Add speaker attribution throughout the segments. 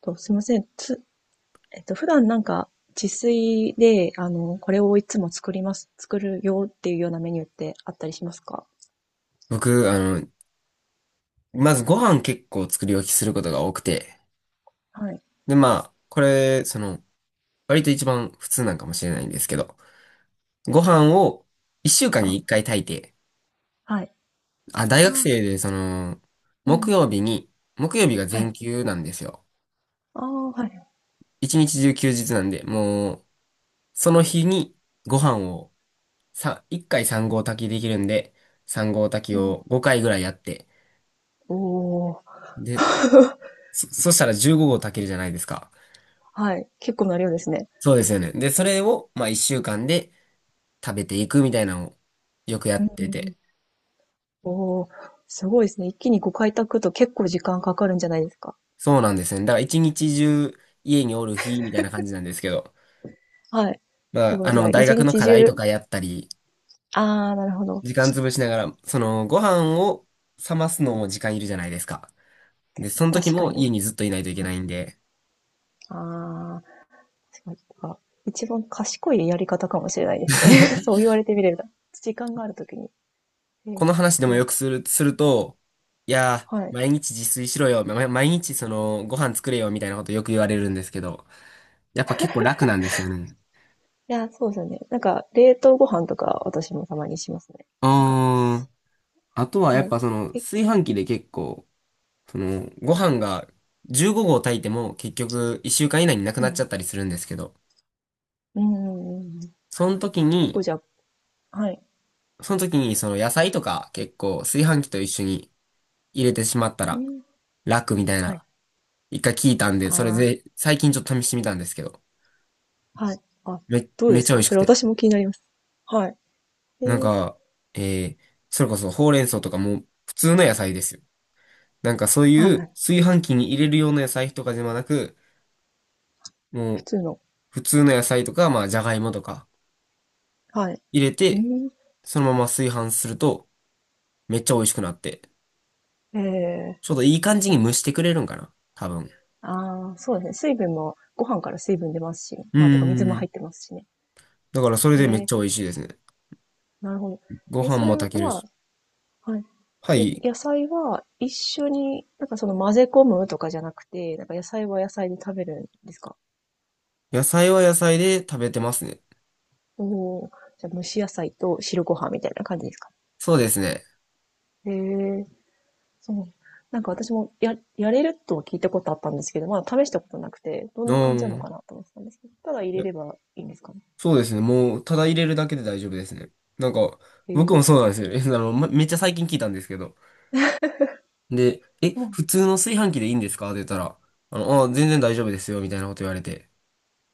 Speaker 1: すいません。つ、えっと、普段なんか自炊で、これをいつも作ります、作るよっていうようなメニューってあったりしますか？
Speaker 2: 僕、まずご飯結構作り置きすることが多くて、
Speaker 1: はい。
Speaker 2: で、まあ、これ、割と一番普通なんかもしれないんですけど、ご飯を一週間に
Speaker 1: あ、
Speaker 2: 一回炊いて、
Speaker 1: はい。
Speaker 2: あ、大
Speaker 1: あ、
Speaker 2: 学生で、
Speaker 1: う
Speaker 2: 木
Speaker 1: ん。
Speaker 2: 曜日に、木曜日が
Speaker 1: は
Speaker 2: 全
Speaker 1: い。
Speaker 2: 休なんですよ。
Speaker 1: ああ、はい。
Speaker 2: 一日中休日なんで、もう、その日にご飯を、さ、一回三合炊きできるんで、三合炊き
Speaker 1: うん。
Speaker 2: を5回ぐらいやって、
Speaker 1: おー、
Speaker 2: で、そしたら15合炊けるじゃないですか。
Speaker 1: はい。結構な量ですね。
Speaker 2: そうですよね。で、それを、まあ、一週間で、食べていくみたいなのをよくや
Speaker 1: うん、
Speaker 2: っ
Speaker 1: う
Speaker 2: て
Speaker 1: ん、
Speaker 2: て。
Speaker 1: おー、すごいですね。一気にご開拓と結構時間かかるんじゃないですか？
Speaker 2: そうなんですね。だから一日中家におる日みたいな感じなんですけど。
Speaker 1: はい。
Speaker 2: ま
Speaker 1: す
Speaker 2: あ、
Speaker 1: ごい。じゃあ、
Speaker 2: 大
Speaker 1: 一
Speaker 2: 学の
Speaker 1: 日
Speaker 2: 課題
Speaker 1: 中、
Speaker 2: とかやったり、
Speaker 1: ああ、なるほど。
Speaker 2: 時間潰しながら、ご飯を冷ますのも時間いるじゃないですか。で、その時
Speaker 1: 確か
Speaker 2: も
Speaker 1: に。
Speaker 2: 家にずっといないといけ
Speaker 1: は
Speaker 2: な
Speaker 1: い。
Speaker 2: いんで、
Speaker 1: ああ。すごい、まあ一番賢いやり方かもしれないですね。そう言われてみれば。時間があるときに。えー
Speaker 2: この話でも
Speaker 1: う
Speaker 2: よ
Speaker 1: ん、
Speaker 2: くする、すると、いや
Speaker 1: は
Speaker 2: ー、
Speaker 1: い。
Speaker 2: 毎日自炊しろよ、ま毎日ご飯作れよみたいなことよく言われるんですけど、やっぱ結構楽なんですよね。
Speaker 1: いや、そうですよね。なんか、冷凍ご飯とか私もたまにしますね。なんか、
Speaker 2: あーあとはや
Speaker 1: は
Speaker 2: っ
Speaker 1: い。
Speaker 2: ぱ
Speaker 1: え、
Speaker 2: 炊飯器で結構、ご飯が15合炊いても結局1週間以内になく
Speaker 1: う
Speaker 2: なっちゃっ
Speaker 1: ん。
Speaker 2: たりするんですけど、
Speaker 1: うんうんうんうん。
Speaker 2: その時
Speaker 1: 結
Speaker 2: に、
Speaker 1: 構じゃあ、はい。
Speaker 2: その時にその野菜とか結構炊飯器と一緒に入れてしまった
Speaker 1: う
Speaker 2: ら
Speaker 1: ん。
Speaker 2: 楽みたい
Speaker 1: はい。
Speaker 2: な、一回聞いたんで、それ
Speaker 1: あ
Speaker 2: で最近ちょっと試してみたんですけど、
Speaker 1: あ、はい。あ、どう
Speaker 2: め
Speaker 1: で
Speaker 2: っ
Speaker 1: す
Speaker 2: ちゃ美
Speaker 1: か
Speaker 2: 味し
Speaker 1: そ
Speaker 2: く
Speaker 1: れ、
Speaker 2: て。
Speaker 1: 私も気になります。はい。え
Speaker 2: なん
Speaker 1: ー、
Speaker 2: か、えー、それこそほうれん草とかも普通の野菜ですよ。なんかそう
Speaker 1: は
Speaker 2: い
Speaker 1: いは
Speaker 2: う
Speaker 1: い。
Speaker 2: 炊飯器に入れるような野菜とかではなく、も
Speaker 1: 普
Speaker 2: う
Speaker 1: 通の。
Speaker 2: 普通の野菜とか、まあじゃがいもとか、
Speaker 1: はい。
Speaker 2: 入れ
Speaker 1: う
Speaker 2: て、
Speaker 1: ん。
Speaker 2: そのまま炊飯すると、めっちゃ美味しくなって、
Speaker 1: ええ、
Speaker 2: ちょうどいい感
Speaker 1: 確
Speaker 2: じ
Speaker 1: か
Speaker 2: に
Speaker 1: に。
Speaker 2: 蒸してくれるんかな多分。
Speaker 1: ああ、そうですね。水分も、ご飯から水分出ますし、
Speaker 2: うー
Speaker 1: まあ、てか水も入
Speaker 2: ん。
Speaker 1: ってますしね。
Speaker 2: だからそれ
Speaker 1: え
Speaker 2: でめっ
Speaker 1: え、
Speaker 2: ちゃ美味しいですね。
Speaker 1: なるほど。
Speaker 2: ご
Speaker 1: え、
Speaker 2: 飯
Speaker 1: そ
Speaker 2: も
Speaker 1: れ
Speaker 2: 炊ける
Speaker 1: は、
Speaker 2: し。
Speaker 1: はい。
Speaker 2: は
Speaker 1: え、
Speaker 2: い。
Speaker 1: 野菜は一緒に、なんかその混ぜ込むとかじゃなくて、なんか野菜は野菜で食べるんですか？
Speaker 2: 野菜は野菜で食べてますね。
Speaker 1: お、おー、じゃあ蒸し野菜と汁ご飯みたいな感じですか？
Speaker 2: そうですね。
Speaker 1: へえ、そう。なんか私もやれるとは聞いたことあったんですけど、まだ試したことなくて、ど
Speaker 2: う
Speaker 1: んな感じなの
Speaker 2: ん。
Speaker 1: かなと思ってたんですけど、ただ入
Speaker 2: い
Speaker 1: れ
Speaker 2: や
Speaker 1: ればいいんですかね。
Speaker 2: そうですね。もう、ただ入れるだけで大丈夫ですね。なんか、
Speaker 1: へ
Speaker 2: 僕も
Speaker 1: え、
Speaker 2: そうなんですよ。えめっちゃ最近聞いたんですけど。で、え、
Speaker 1: そう。
Speaker 2: 普通の炊飯器でいいんですかって言ったら、全然大丈夫ですよ、みたいなこと言われて。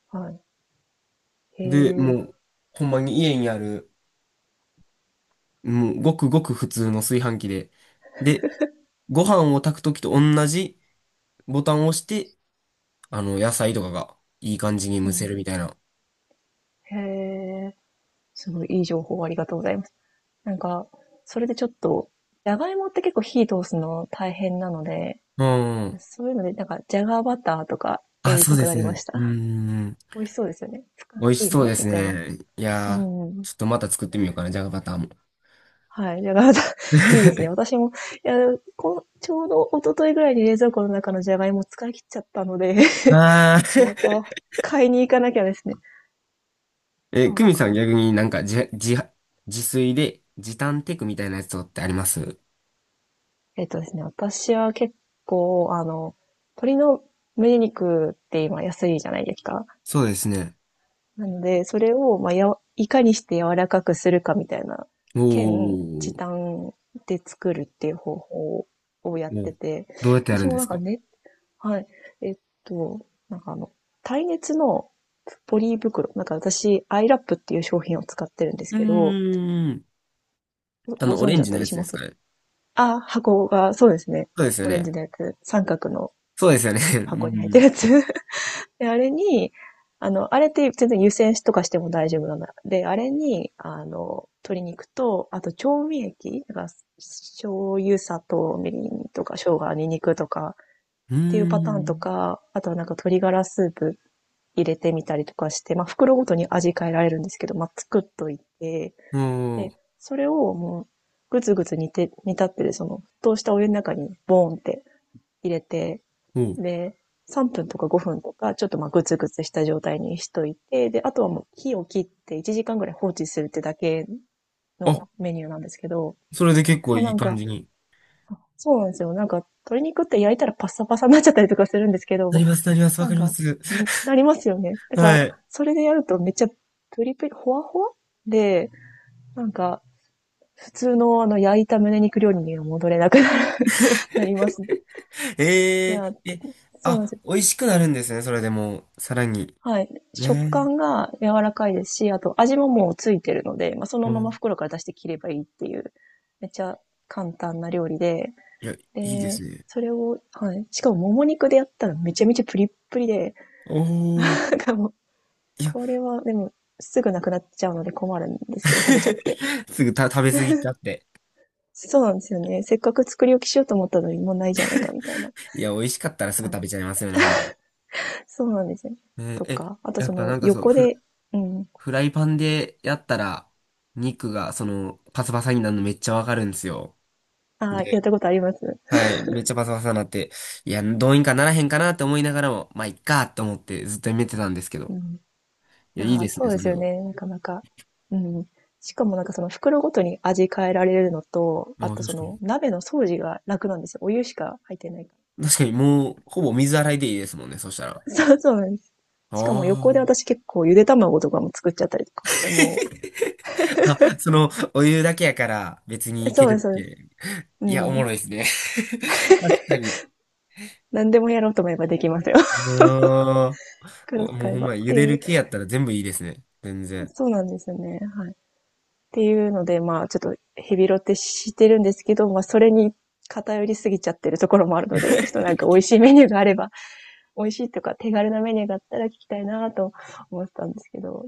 Speaker 1: はい。へ
Speaker 2: で、
Speaker 1: え、
Speaker 2: もう、ほんまに家にある、もうごくごく普通の炊飯器で。で、ご飯を炊くときと同じボタンを押して、野菜とかがいい感じに
Speaker 1: う
Speaker 2: 蒸せ
Speaker 1: ん。
Speaker 2: るみたいな。
Speaker 1: へえ、すごいいい情報ありがとうございます。なんか、それでちょっと、じゃがいもって結構火通すの大変なので、
Speaker 2: うん。
Speaker 1: そういうので、なんか、じゃがバターとかや
Speaker 2: あ、
Speaker 1: り
Speaker 2: そ
Speaker 1: た
Speaker 2: う
Speaker 1: く
Speaker 2: で
Speaker 1: な
Speaker 2: す
Speaker 1: りまし
Speaker 2: ね。う
Speaker 1: た。
Speaker 2: ん。
Speaker 1: 美味しそうですよね。ふか
Speaker 2: 美味
Speaker 1: し
Speaker 2: し
Speaker 1: い
Speaker 2: そう
Speaker 1: も、
Speaker 2: です
Speaker 1: みたいな。
Speaker 2: ね。い
Speaker 1: う
Speaker 2: やー、
Speaker 1: ん。
Speaker 2: ちょっとまた作ってみようかな、じゃがバターも。
Speaker 1: はい。じゃがバター、いいですね。私も、いや、こちょうど一昨日ぐらいに冷蔵庫の中のじゃがいも使い切っちゃったので
Speaker 2: あ
Speaker 1: ま
Speaker 2: ー
Speaker 1: た買いに行かなきゃですね。
Speaker 2: え、
Speaker 1: そ
Speaker 2: ク
Speaker 1: う
Speaker 2: ミさん
Speaker 1: か。
Speaker 2: 逆になんか自炊で時短テクみたいなやつとかってあります
Speaker 1: えっとですね、私は結構、あの、鶏の胸肉って今安いじゃないですか。
Speaker 2: そうですね。
Speaker 1: なので、それを、まあ、やわ、いかにして柔らかくするかみたいな、兼
Speaker 2: お
Speaker 1: 時
Speaker 2: ー。お
Speaker 1: 短で作るっていう方法をやって
Speaker 2: ー
Speaker 1: て、
Speaker 2: どうやってやる
Speaker 1: 私
Speaker 2: ん
Speaker 1: も
Speaker 2: で
Speaker 1: な
Speaker 2: す
Speaker 1: んか
Speaker 2: か
Speaker 1: ね、はい、えっと、なんかあの、耐熱のポリ袋、なんか私、アイラップっていう商品を使ってるんです
Speaker 2: うー
Speaker 1: けど、
Speaker 2: ん。
Speaker 1: ごご
Speaker 2: オ
Speaker 1: 存
Speaker 2: レ
Speaker 1: 知
Speaker 2: ン
Speaker 1: だっ
Speaker 2: ジの
Speaker 1: た
Speaker 2: や
Speaker 1: り
Speaker 2: つ
Speaker 1: し
Speaker 2: で
Speaker 1: ま
Speaker 2: すか
Speaker 1: す？
Speaker 2: ね。
Speaker 1: あ、箱が、そうですね。
Speaker 2: そうですよ
Speaker 1: オレンジ
Speaker 2: ね。
Speaker 1: のやつ、三角の
Speaker 2: そうですよね。
Speaker 1: 箱に入ってる やつ で、あれに、あの、あれって全然湯煎しとかしても大丈夫なの。で、あれに、あの、鶏肉と、あと調味液だから、醤油、砂糖、みりんとか、生姜、ニンニクとか、っ
Speaker 2: う
Speaker 1: ていうパターンと
Speaker 2: ん。
Speaker 1: か、あとはなんか鶏ガラスープ入れてみたりとかして、まあ、袋ごとに味変えられるんですけど、まあ、作っといて、
Speaker 2: うーん。おー
Speaker 1: で、それをもう、ぐつぐつ煮て、煮立ってる、その、沸騰したお湯の中に、ボーンって入れて、
Speaker 2: おー。
Speaker 1: で、3分とか5分とか、ちょっとまあグツグツした状態にしといて、で、あとはもう火を切って1時間ぐらい放置するってだけ
Speaker 2: あ、
Speaker 1: のメニューなんですけど、
Speaker 2: それで結構い
Speaker 1: な
Speaker 2: い
Speaker 1: ん
Speaker 2: 感
Speaker 1: か、
Speaker 2: じに。
Speaker 1: そうなんですよ。なんか、鶏肉って焼いたらパッサパサになっちゃったりとかするんですけ
Speaker 2: なり
Speaker 1: ど、
Speaker 2: ます、なります、わ
Speaker 1: な
Speaker 2: か
Speaker 1: ん
Speaker 2: りま
Speaker 1: か、
Speaker 2: す。
Speaker 1: なりますよね。だから、
Speaker 2: はい。
Speaker 1: それでやるとめっちゃプリプリ、ほわほわで、なんか、普通のあの焼いた胸肉料理には戻れなくなる。 な ります。い
Speaker 2: え
Speaker 1: や、
Speaker 2: ー、え、
Speaker 1: そうなんです
Speaker 2: あ、
Speaker 1: よ。
Speaker 2: 美味しくなるんですね、それでもう、さらに。
Speaker 1: はい。食
Speaker 2: ね
Speaker 1: 感が柔らかいですし、あと味ももうついてるので、まあ、そ
Speaker 2: え。
Speaker 1: の
Speaker 2: う
Speaker 1: まま
Speaker 2: ん。
Speaker 1: 袋から出して切ればいいっていう、めっちゃ簡単な料理で、
Speaker 2: いや、いいです
Speaker 1: で、
Speaker 2: ね。
Speaker 1: それをはい。しかももも肉でやったらめちゃめちゃプリップリで、
Speaker 2: おー。
Speaker 1: なんかもう、
Speaker 2: いや、
Speaker 1: これはでも、すぐなくなっちゃうので困るんですけど、食べちゃって。
Speaker 2: すぐた食べ過ぎちゃって。
Speaker 1: そうなんですよね。せっかく作り置きしようと思ったのに、もうないじゃないかみたいな
Speaker 2: いや、美味しかったらすぐ
Speaker 1: 感
Speaker 2: 食
Speaker 1: じ。
Speaker 2: べちゃいますよね、ほんま。
Speaker 1: そうなんですよね。
Speaker 2: え
Speaker 1: と
Speaker 2: ーえ、
Speaker 1: か、あと
Speaker 2: やっ
Speaker 1: そ
Speaker 2: ぱ
Speaker 1: の
Speaker 2: なんかそう、
Speaker 1: 横でうん、
Speaker 2: フライパンでやったら、肉が、パサパサになるのめっちゃわかるんですよ。
Speaker 1: ああ、やっ
Speaker 2: で、
Speaker 1: たことあります。
Speaker 2: はい、めっちゃパサパサになって、いや、どうにかならへんかなって思いながらも、まあ、いっかって思ってずっとやめてたんですけ
Speaker 1: う
Speaker 2: ど。
Speaker 1: ん。
Speaker 2: い
Speaker 1: い
Speaker 2: や、いい
Speaker 1: や
Speaker 2: で
Speaker 1: ー、
Speaker 2: す
Speaker 1: そ
Speaker 2: ね、
Speaker 1: うで
Speaker 2: そ
Speaker 1: す
Speaker 2: れ
Speaker 1: よ
Speaker 2: は。
Speaker 1: ね、なかなか。うん。しかもなんかその袋ごとに味変えられるのと、あ
Speaker 2: ああ、
Speaker 1: とそ
Speaker 2: 確か
Speaker 1: の
Speaker 2: に。
Speaker 1: 鍋の掃除が楽なんですよ。お湯しか入ってないか
Speaker 2: 確かに、もう、ほぼ水洗いでいいですもんね、そしたら。あ
Speaker 1: ら。そうそうなんです。しかも横で
Speaker 2: あ。
Speaker 1: 私結構ゆで卵とかも作っちゃったりとかして、もう、
Speaker 2: あ、お湯だけやから別に
Speaker 1: え、
Speaker 2: い
Speaker 1: そ
Speaker 2: け
Speaker 1: うです
Speaker 2: る
Speaker 1: そ
Speaker 2: っ
Speaker 1: うです。
Speaker 2: て。
Speaker 1: う
Speaker 2: いや、おも
Speaker 1: ん。
Speaker 2: ろいですね。確かに。
Speaker 1: 何でもやろうと思えばできますよ。
Speaker 2: うーん。
Speaker 1: 袋
Speaker 2: おもう
Speaker 1: 使え
Speaker 2: ほん
Speaker 1: ば
Speaker 2: ま、
Speaker 1: っ
Speaker 2: 茹
Speaker 1: て
Speaker 2: で
Speaker 1: い
Speaker 2: る
Speaker 1: う。
Speaker 2: 系やったら全部いいですね。全然。
Speaker 1: そうなんですよね、はい。っていうので、まあ、ちょっとヘビロテしてるんですけど、ま、それに偏りすぎちゃってるところもあるので、ちょっとなんか美味しいメニューがあれば、美味しいとか手軽なメニューがあったら聞きたいなと思ってたんですけど。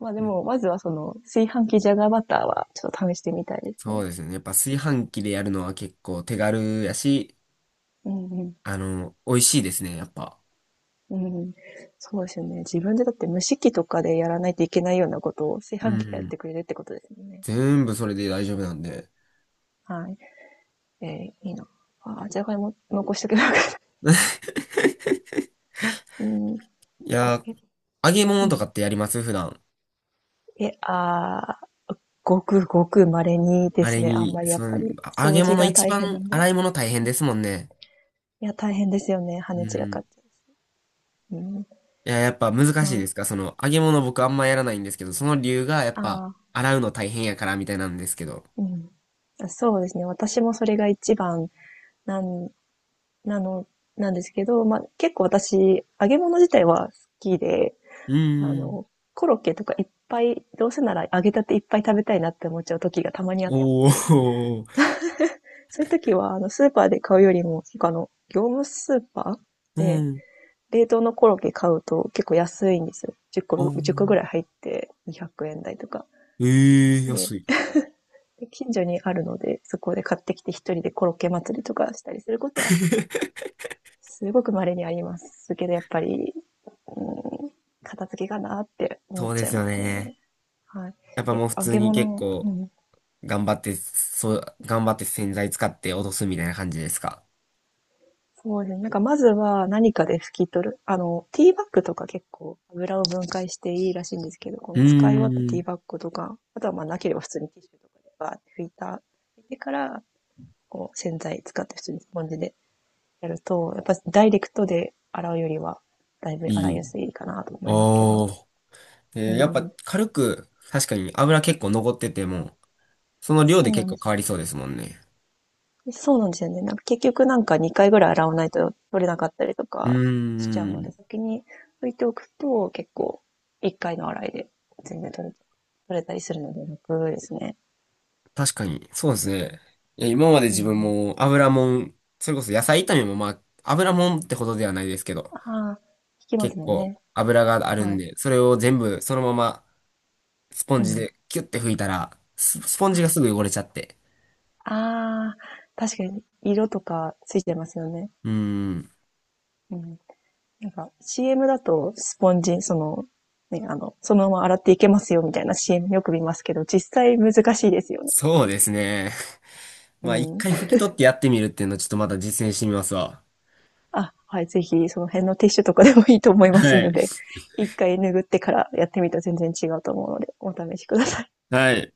Speaker 1: まあでも、まずはその、炊飯器ジャガーバターはちょっと試してみたいです
Speaker 2: そう
Speaker 1: ね。
Speaker 2: ですね。やっぱ炊飯器でやるのは結構手軽やし、
Speaker 1: うんうん。
Speaker 2: 美味しいですね、やっぱ。
Speaker 1: うん、そうですよね。自分でだって蒸し器とかでやらないといけないようなことを炊
Speaker 2: う
Speaker 1: 飯器がやっ
Speaker 2: ん。
Speaker 1: てくれるってことですよね。
Speaker 2: 全部それで大丈夫なんで。
Speaker 1: はい。えーいいな。あー、じゃがいも残しとけばよかった。うん、
Speaker 2: い
Speaker 1: こ
Speaker 2: やー、
Speaker 1: れ。
Speaker 2: 揚げ
Speaker 1: う
Speaker 2: 物と
Speaker 1: ん。
Speaker 2: かってやります普段。
Speaker 1: え、あー、ごくごく稀にで
Speaker 2: あ
Speaker 1: す
Speaker 2: れ
Speaker 1: ね。あん
Speaker 2: に、
Speaker 1: まりや
Speaker 2: そ
Speaker 1: っぱ
Speaker 2: の、
Speaker 1: り
Speaker 2: あ揚
Speaker 1: 掃
Speaker 2: げ
Speaker 1: 除
Speaker 2: 物
Speaker 1: が
Speaker 2: 一
Speaker 1: 大変な
Speaker 2: 番
Speaker 1: んで。
Speaker 2: 洗い物大変ですもんね。
Speaker 1: いや、大変ですよね。跳
Speaker 2: う
Speaker 1: ね散らかっ
Speaker 2: ん。
Speaker 1: て。うん。
Speaker 2: いや、やっぱ難しい
Speaker 1: ま、
Speaker 2: ですかその、揚げ物僕あんまやらないんですけど、その理由がやっぱ、
Speaker 1: ああ
Speaker 2: 洗うの大変やからみたいなんですけど。
Speaker 1: ー、うん。そうですね。私もそれが一番なん、なの、なんですけど、ま、結構私、揚げ物自体は好きで、
Speaker 2: う
Speaker 1: あ
Speaker 2: ーん。
Speaker 1: の、コロッケとかいっぱい、どうせなら揚げたていっぱい食べたいなって思っちゃう時がたまにあっ
Speaker 2: お
Speaker 1: て、
Speaker 2: ー。
Speaker 1: そういう時は、あの、スーパーで買うよりも、結構あの、業務スーパー
Speaker 2: う
Speaker 1: で、
Speaker 2: ん。
Speaker 1: 冷凍のコロッケ買うと結構安いんですよ。10
Speaker 2: お
Speaker 1: 個、
Speaker 2: ー。
Speaker 1: 10個ぐらい入って200円台とか。
Speaker 2: ええー、
Speaker 1: で、
Speaker 2: 安い。
Speaker 1: 近所にあるので、そこで買ってきて一人でコロッケ祭りとかしたりすることは、すごく稀にありますけど、やっぱり、うん、片付けかなって思
Speaker 2: そ
Speaker 1: っ
Speaker 2: う
Speaker 1: ち
Speaker 2: で
Speaker 1: ゃい
Speaker 2: すよ
Speaker 1: ます
Speaker 2: ね。
Speaker 1: ね。はい。
Speaker 2: やっぱ
Speaker 1: え、
Speaker 2: もう普
Speaker 1: 揚
Speaker 2: 通
Speaker 1: げ
Speaker 2: に結
Speaker 1: 物、う
Speaker 2: 構
Speaker 1: ん。
Speaker 2: 頑張って、そう、頑張って洗剤使って落とすみたいな感じですか
Speaker 1: そうですね。なんかまずは何かで拭き取る。あの、ティーバッグとか結構油を分解していいらしいんですけど、こ
Speaker 2: うー
Speaker 1: の使い終わったティー
Speaker 2: ん。
Speaker 1: バッグとか、あとはまあなければ普通にティッシュとかでバーって拭いた。でから、こう洗剤使って普通にスポンジでやると、やっぱダイレクトで洗うよりは、だいぶ
Speaker 2: い
Speaker 1: 洗いや
Speaker 2: い。
Speaker 1: すいかなと思いますけど。
Speaker 2: おー。え
Speaker 1: う
Speaker 2: ーやっぱ
Speaker 1: ん。
Speaker 2: 軽く、確かに油結構残ってても、その量
Speaker 1: そ
Speaker 2: で
Speaker 1: うな
Speaker 2: 結
Speaker 1: んで
Speaker 2: 構
Speaker 1: す。
Speaker 2: 変わりそうですもんね。
Speaker 1: そうなんですよね。なんか結局なんか2回ぐらい洗わないと取れなかったりと
Speaker 2: う
Speaker 1: かしちゃう
Speaker 2: ー
Speaker 1: ので、
Speaker 2: ん。
Speaker 1: 先に拭いておくと結構1回の洗いで全然取れたりするので楽ですね。
Speaker 2: 確かに、そうですね。いや、今まで
Speaker 1: う
Speaker 2: 自分
Speaker 1: ん。
Speaker 2: も油もん、それこそ野菜炒めもまあ、油もんってほどではないですけど、
Speaker 1: ああ、引きます
Speaker 2: 結
Speaker 1: もん
Speaker 2: 構
Speaker 1: ね。
Speaker 2: 油がある
Speaker 1: は
Speaker 2: ん
Speaker 1: い。
Speaker 2: で、それを全部そのままスポン
Speaker 1: う
Speaker 2: ジ
Speaker 1: ん。
Speaker 2: でキュッて拭いたら、スポン
Speaker 1: は
Speaker 2: ジ
Speaker 1: い。
Speaker 2: がすぐ汚れちゃって。
Speaker 1: ああ、確かに色とかついてますよね。
Speaker 2: うーん。
Speaker 1: うん。なんか CM だとスポンジ、その、ね、あの、そのまま洗っていけますよみたいな CM よく見ますけど、実際難しいですよね。
Speaker 2: そうですね。
Speaker 1: う
Speaker 2: まあ一
Speaker 1: ん。
Speaker 2: 回拭き取ってやってみるっていうのをちょっとまだ実践してみますわ。
Speaker 1: あ、はい、ぜひその辺のティッシュとかでもいいと思いま
Speaker 2: は
Speaker 1: す
Speaker 2: い。
Speaker 1: ので、1回拭ってからやってみたら全然違うと思うので、お試しください。
Speaker 2: はい。